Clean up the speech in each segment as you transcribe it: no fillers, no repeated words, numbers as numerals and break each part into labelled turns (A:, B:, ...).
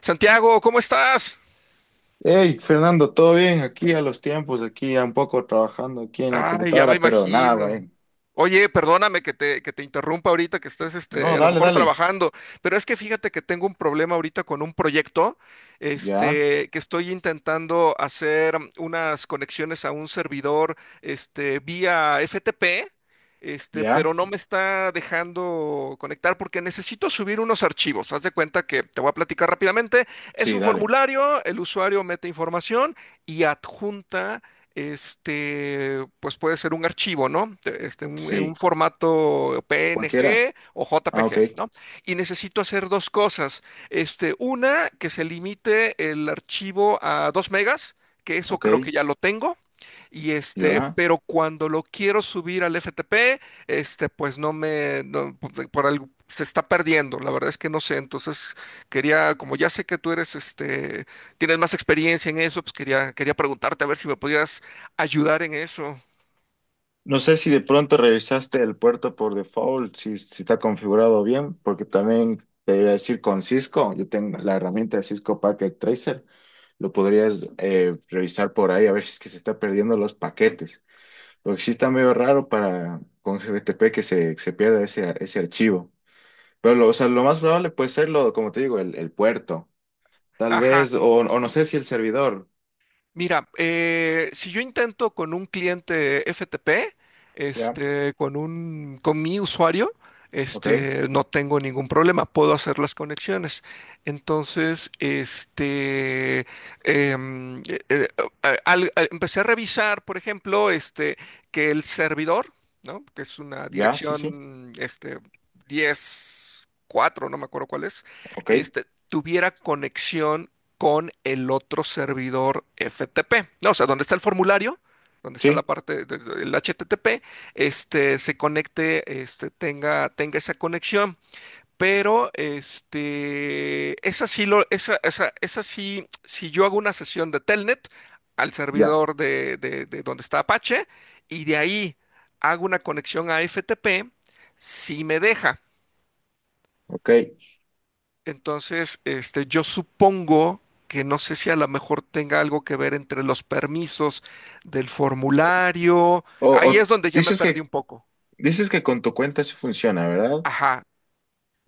A: Santiago, ¿cómo estás?
B: Hey, Fernando, ¿todo bien? Aquí a los tiempos, aquí ya un poco trabajando aquí en la
A: Ay, ya me
B: computadora, pero nada, va,
A: imagino.
B: bien.
A: Oye, perdóname que te interrumpa ahorita, que estás
B: No,
A: a lo
B: dale,
A: mejor
B: dale.
A: trabajando, pero es que fíjate que tengo un problema ahorita con un proyecto,
B: Ya,
A: que estoy intentando hacer unas conexiones a un servidor, vía FTP,
B: ya.
A: pero no me está dejando conectar porque necesito subir unos archivos. Haz de cuenta que te voy a platicar rápidamente. Es
B: Sí,
A: un
B: dale.
A: formulario, el usuario mete información y adjunta pues puede ser un archivo, ¿no? En un
B: Sí.
A: formato
B: Cualquiera.
A: PNG o
B: Ah,
A: JPG, ¿no? Y necesito hacer dos cosas. Una, que se limite el archivo a 2 megas, que eso
B: ok.
A: creo que ya lo tengo. Y
B: Ya.
A: pero cuando lo quiero subir al FTP, pues no me, no, por algo, se está perdiendo. La verdad es que no sé. Entonces quería, como ya sé que tú eres, tienes más experiencia en eso, pues quería preguntarte a ver si me podías ayudar en eso.
B: No sé si de pronto revisaste el puerto por default, si está configurado bien, porque también te iba a decir con Cisco, yo tengo la herramienta de Cisco Packet Tracer, lo podrías revisar por ahí a ver si es que se está perdiendo los paquetes. Porque sí está medio raro para con GTP que se pierda ese archivo. Pero lo, o sea, lo más probable puede ser lo, como te digo, el puerto. Tal
A: Ajá.
B: vez, o no sé si el servidor.
A: Mira, si yo intento con un cliente FTP,
B: Ya,
A: con mi usuario,
B: ok.
A: no tengo ningún problema, puedo hacer las conexiones. Entonces, em, eh, eh, empecé a revisar, por ejemplo, que el servidor, ¿no? Que es una
B: Ya, sí, sí.
A: dirección, 10 4, no me acuerdo cuál es,
B: Ok.
A: tuviera conexión con el otro servidor FTP. No, o sea, donde está el formulario, donde está la
B: Sí.
A: parte del HTTP, se conecte, tenga esa conexión. Pero esa sí lo, esa sí, si yo hago una sesión de Telnet al
B: Ya.
A: servidor de donde está Apache y de ahí hago una conexión a FTP, sí me deja.
B: Ok.
A: Entonces, yo supongo que no sé si a lo mejor tenga algo que ver entre los permisos del formulario. Ahí es
B: O
A: donde ya me
B: dices
A: perdí
B: que
A: un poco.
B: dices que con tu cuenta sí funciona, ¿verdad?
A: Ajá,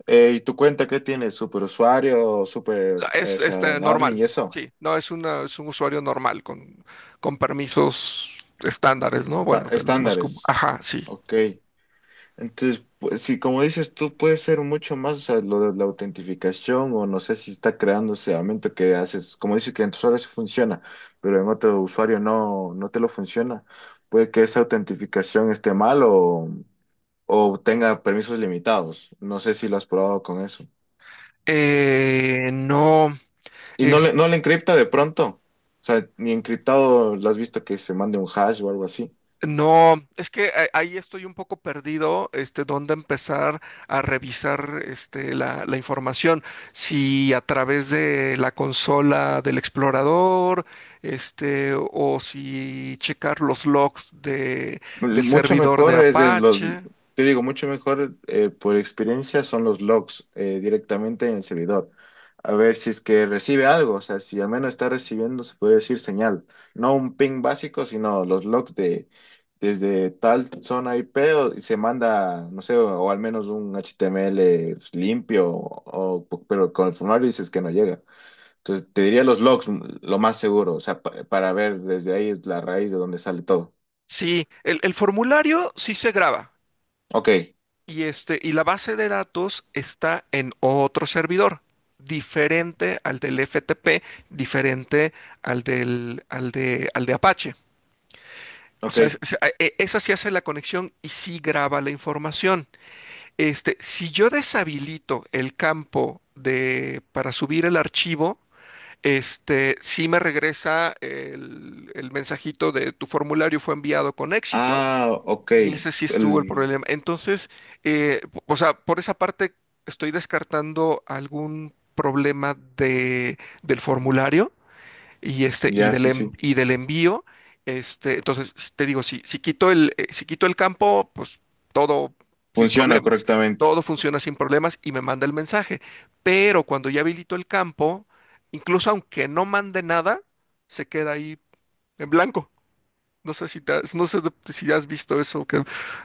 B: ¿Y tu cuenta qué tiene? ¿Superusuario, super,
A: es
B: o sea, admin
A: normal.
B: y eso?
A: Sí, no es una, es un usuario normal con permisos estándares, ¿no?
B: Pa-
A: Bueno, de los más comunes.
B: estándares.
A: Ajá, sí.
B: Ok. Entonces, pues, sí, como dices tú, puede ser mucho más, o sea, lo de la autentificación o no sé si está creándose aumento que haces, como dices que en tus usuarios funciona, pero en otro usuario no, no te lo funciona. Puede que esa autentificación esté mal o tenga permisos limitados. No sé si lo has probado con eso.
A: Eh, no,
B: Y no
A: es
B: le, no le encripta de pronto. O sea, ni encriptado lo has visto que se mande un hash o algo así.
A: No, es que ahí estoy un poco perdido, dónde empezar a revisar, la información. Si a través de la consola del explorador, o si checar los logs del
B: Mucho
A: servidor de
B: mejor es de los,
A: Apache.
B: te digo, mucho mejor por experiencia son los logs directamente en el servidor. A ver si es que recibe algo, o sea, si al menos está recibiendo, se puede decir señal. No un ping básico, sino los logs de desde tal zona IP o- y se manda, no sé, o, al menos un HTML limpio, o- pero con el formulario dices que no llega. Entonces, te diría los logs, mm, lo más seguro, o sea, pa- para ver desde ahí es la raíz de donde sale todo.
A: Sí, el formulario sí se graba.
B: Ok,
A: Y, y la base de datos está en otro servidor, diferente al del FTP, diferente al de Apache. O
B: ok.
A: sea, esa sí hace la conexión y sí graba la información. Este, si yo deshabilito el campo para subir el archivo, sí me regresa el mensajito de tu formulario fue enviado con éxito
B: Ah, ok.
A: y ese sí
B: Es
A: estuvo el
B: el-
A: problema. Entonces, o sea, por esa parte estoy descartando algún problema de, del formulario y
B: Ya, sí, sí.
A: y del envío. Entonces te digo, si, si quito el campo, pues todo sin
B: Funciona
A: problemas.
B: correctamente.
A: Todo funciona sin problemas y me manda el mensaje. Pero cuando ya habilito el campo, incluso aunque no mande nada, se queda ahí en blanco. No sé si, no sé si has visto eso, que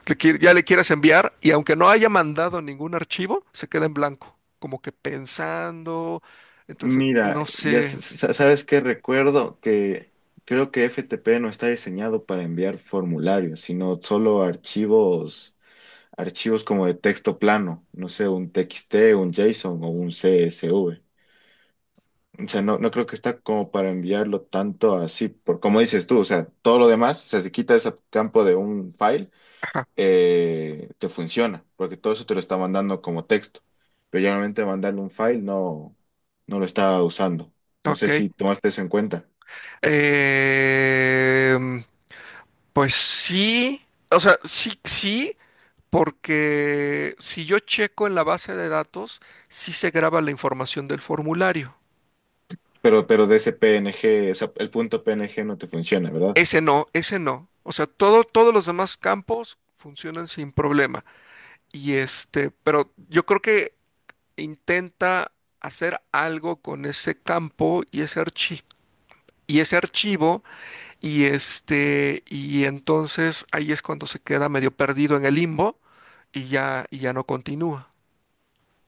A: ya le quieras enviar y aunque no haya mandado ningún archivo, se queda en blanco, como que pensando. Entonces,
B: Mira,
A: no
B: ya
A: sé.
B: s- s- sabes que recuerdo que creo que FTP no está diseñado para enviar formularios, sino solo archivos, archivos como de texto plano, no sé, un TXT, un JSON o un CSV. O sea, no, no creo que está como para enviarlo tanto así, por como dices tú, o sea, todo lo demás, o sea, se quita ese campo de un file
A: Ajá,
B: te funciona, porque todo eso te lo está mandando como texto, pero generalmente mandarle un file no, no lo está usando. No
A: ok.
B: sé si tomaste eso en cuenta,
A: Em, pues sí, o sea, sí, sí, porque si yo checo en la base de datos, sí se graba la información del formulario.
B: pero de ese PNG, o sea, el punto PNG no te funciona, ¿verdad?
A: Ese no, ese no. O sea, todo, todos los demás campos funcionan sin problema. Y pero yo creo que intenta hacer algo con ese campo y ese archivo y ese archivo y entonces ahí es cuando se queda medio perdido en el limbo y ya no continúa.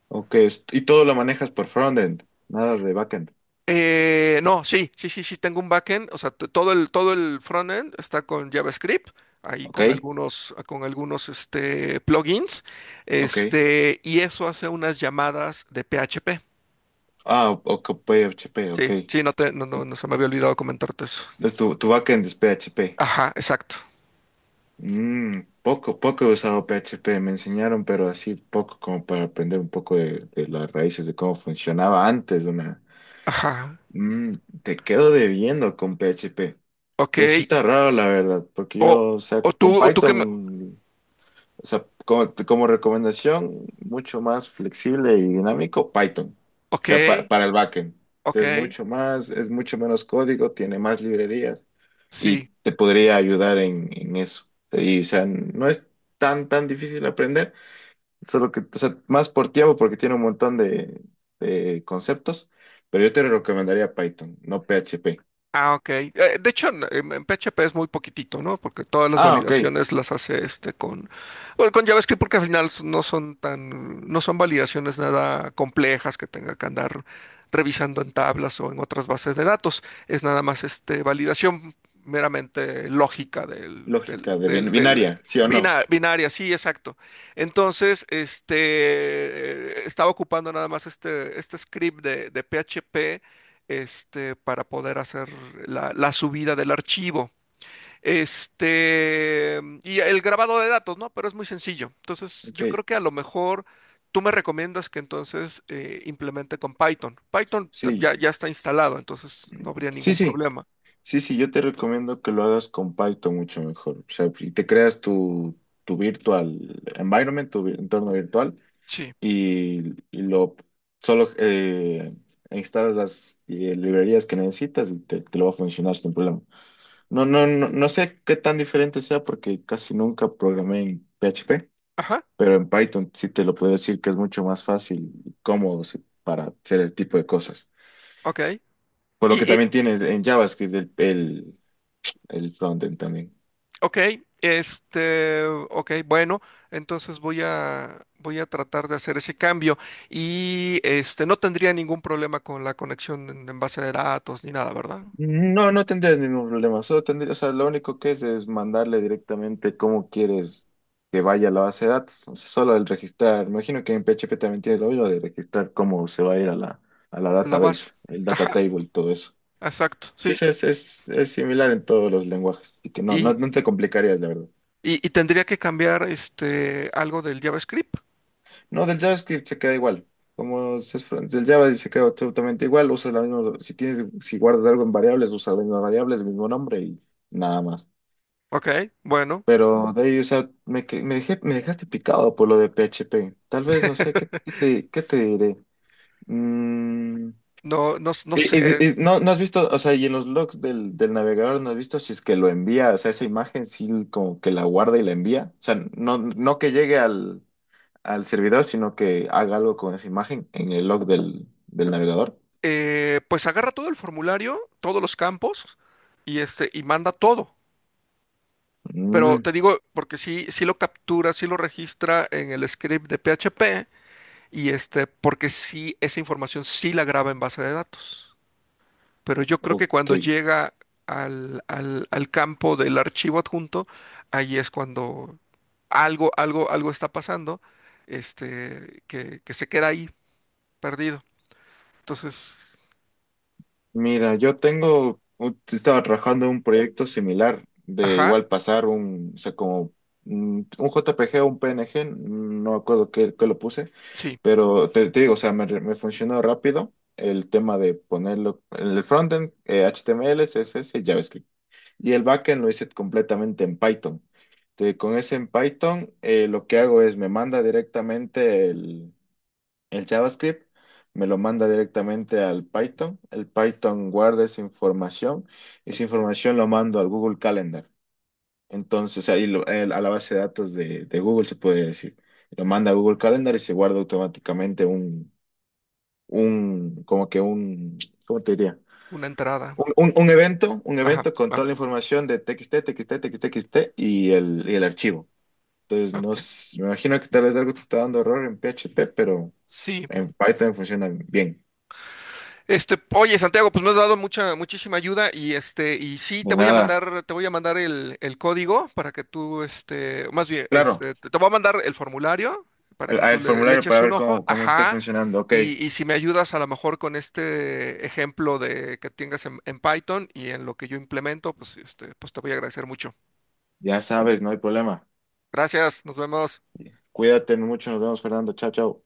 B: Ok, est- y todo lo manejas por frontend, nada de backend,
A: No, sí, sí, sí, sí tengo un backend, o sea, todo el frontend está con JavaScript, ahí
B: ¿ok?
A: con algunos plugins,
B: Ok.
A: y eso hace unas llamadas de PHP.
B: Ah, o- PHP, ok.
A: Sí, sí, no te, no, no, no se me había olvidado comentarte eso.
B: Entonces, tu backend es PHP.
A: Ajá, exacto.
B: Mm, poco, poco he usado PHP, me enseñaron, pero así poco como para aprender un poco de las raíces de cómo funcionaba antes de una...
A: Ajá.
B: Mm, te quedo debiendo con PHP,
A: Ok.
B: pero sí está raro la verdad, porque
A: O,
B: yo, o sea, con
A: o tú que me.
B: Python, o sea, como, como recomendación, mucho más flexible y dinámico, Python, o
A: Ok,
B: sea, pa- para el backend. Entonces,
A: ok.
B: mucho más, es mucho menos código, tiene más librerías y
A: Sí.
B: te podría ayudar en eso. Y, o sea, no es tan, tan difícil aprender, solo que, o sea, más por tiempo porque tiene un montón de conceptos, pero yo te recomendaría Python, no PHP.
A: Ah, ok. De hecho, en, en PHP es muy poquitito, ¿no? Porque todas las
B: Ah, ok,
A: validaciones las hace con, bueno, con JavaScript porque al final no son tan, no son validaciones nada complejas que tenga que andar revisando en tablas o en otras bases de datos. Es nada más validación meramente lógica
B: lógica de bin-
A: del
B: binaria, sí o no.
A: binaria, sí, exacto. Entonces, estaba ocupando nada más este script de PHP para poder hacer la, la subida del archivo. Este, y el grabado de datos, ¿no? Pero es muy sencillo. Entonces,
B: Ok,
A: yo creo que a lo mejor tú me recomiendas que entonces implemente con Python. Python ya,
B: sí,
A: ya está instalado, entonces no habría
B: sí,
A: ningún
B: sí,
A: problema.
B: sí, yo te recomiendo que lo hagas con Python mucho mejor. O sea, y te creas tu, tu virtual environment, tu vi- entorno virtual
A: Sí.
B: y, y lo solo instalas las librerías que necesitas y te lo va a funcionar sin problema. No sé qué tan diferente sea porque casi nunca programé en PHP,
A: Ajá,
B: pero en Python sí te lo puedo decir que es mucho más fácil y cómodo sí, para hacer el tipo de cosas.
A: ok.
B: Por lo que
A: Y,
B: también tienes en JavaScript el frontend también.
A: ok, ok, bueno, entonces voy a tratar de hacer ese cambio y no tendría ningún problema con la conexión en base de datos ni nada, ¿verdad?
B: No, no tendrías ningún problema. Solo tendrías, o sea, lo único que es mandarle directamente cómo quieres que vaya a la base de datos. O sea, solo el registrar. Me imagino que en PHP también tiene lo mismo de registrar cómo se va a ir a la
A: La
B: database,
A: base.
B: el data
A: Ajá,
B: table y todo eso.
A: exacto,
B: Sí,
A: sí.
B: es similar en todos los lenguajes. Así que no,
A: Y,
B: no te complicarías, la verdad.
A: y tendría que cambiar algo del JavaScript.
B: No, del JavaScript se queda igual. Como se es fr- del Java se queda absolutamente igual, usas la misma, si tienes, si guardas algo en variables, usas las mismas variables, el mismo nombre y nada más.
A: Ok, bueno,
B: Pero de ahí, o sea, me, que- me dejé, me dejaste picado por lo de PHP. Tal vez, no sé, ¿qué, qué te diré? Mm,
A: no, no, no sé.
B: no, no has visto, o sea, y en los logs del, del navegador no has visto si es que lo envía, o sea, esa imagen sí como que la guarda y la envía. O sea, no, no que llegue al, al servidor, sino que haga algo con esa imagen en el log del, del navegador.
A: Pues agarra todo el formulario, todos los campos, y y manda todo. Pero
B: Mm,
A: te digo, porque sí, sí lo captura, sí lo registra en el script de PHP y porque sí, esa información sí la graba en base de datos. Pero yo creo que
B: ok.
A: cuando llega al, al campo del archivo adjunto, ahí es cuando algo está pasando, que se queda ahí perdido. Entonces,
B: Mira, yo tengo, u- estaba trabajando en un proyecto similar, de
A: ajá,
B: igual pasar un, o sea, como mm, un JPG o un PNG, mm, no me acuerdo qué, qué lo puse,
A: sí,
B: pero te digo, o sea, me funcionó rápido el tema de ponerlo en el frontend, HTML, CSS y JavaScript. Y el backend lo hice completamente en Python. Entonces, con ese en Python, lo que hago es me manda directamente el JavaScript me lo manda directamente al Python. El Python guarda esa información y esa información lo mando al Google Calendar. Entonces ahí lo- el- a la base de datos de Google se puede decir. Lo manda a Google Calendar y se guarda automáticamente un como que un, ¿cómo te diría?
A: una entrada.
B: Un
A: Ajá,
B: evento con
A: ah,
B: toda la información de TXT y el archivo. Entonces, no,
A: ok.
B: s- me imagino que tal vez algo te está dando error en PHP, pero
A: Sí,
B: en Python funciona bien.
A: Oye, Santiago, pues me has dado mucha, muchísima ayuda y y sí, te
B: De
A: voy a
B: nada.
A: mandar, te voy a mandar el código para que tú, más bien,
B: Claro,
A: te, te voy a mandar el formulario para que tú
B: el
A: le, le
B: formulario
A: eches
B: para
A: un
B: ver
A: ojo,
B: cómo, cómo esté
A: ajá,
B: funcionando. Ok,
A: y si me ayudas a lo mejor con este ejemplo de que tengas en Python y en lo que yo implemento, pues pues te voy a agradecer mucho.
B: ya sabes, no hay problema.
A: Gracias, nos vemos.
B: Cuídate mucho, nos vemos, Fernando. Chao, chao.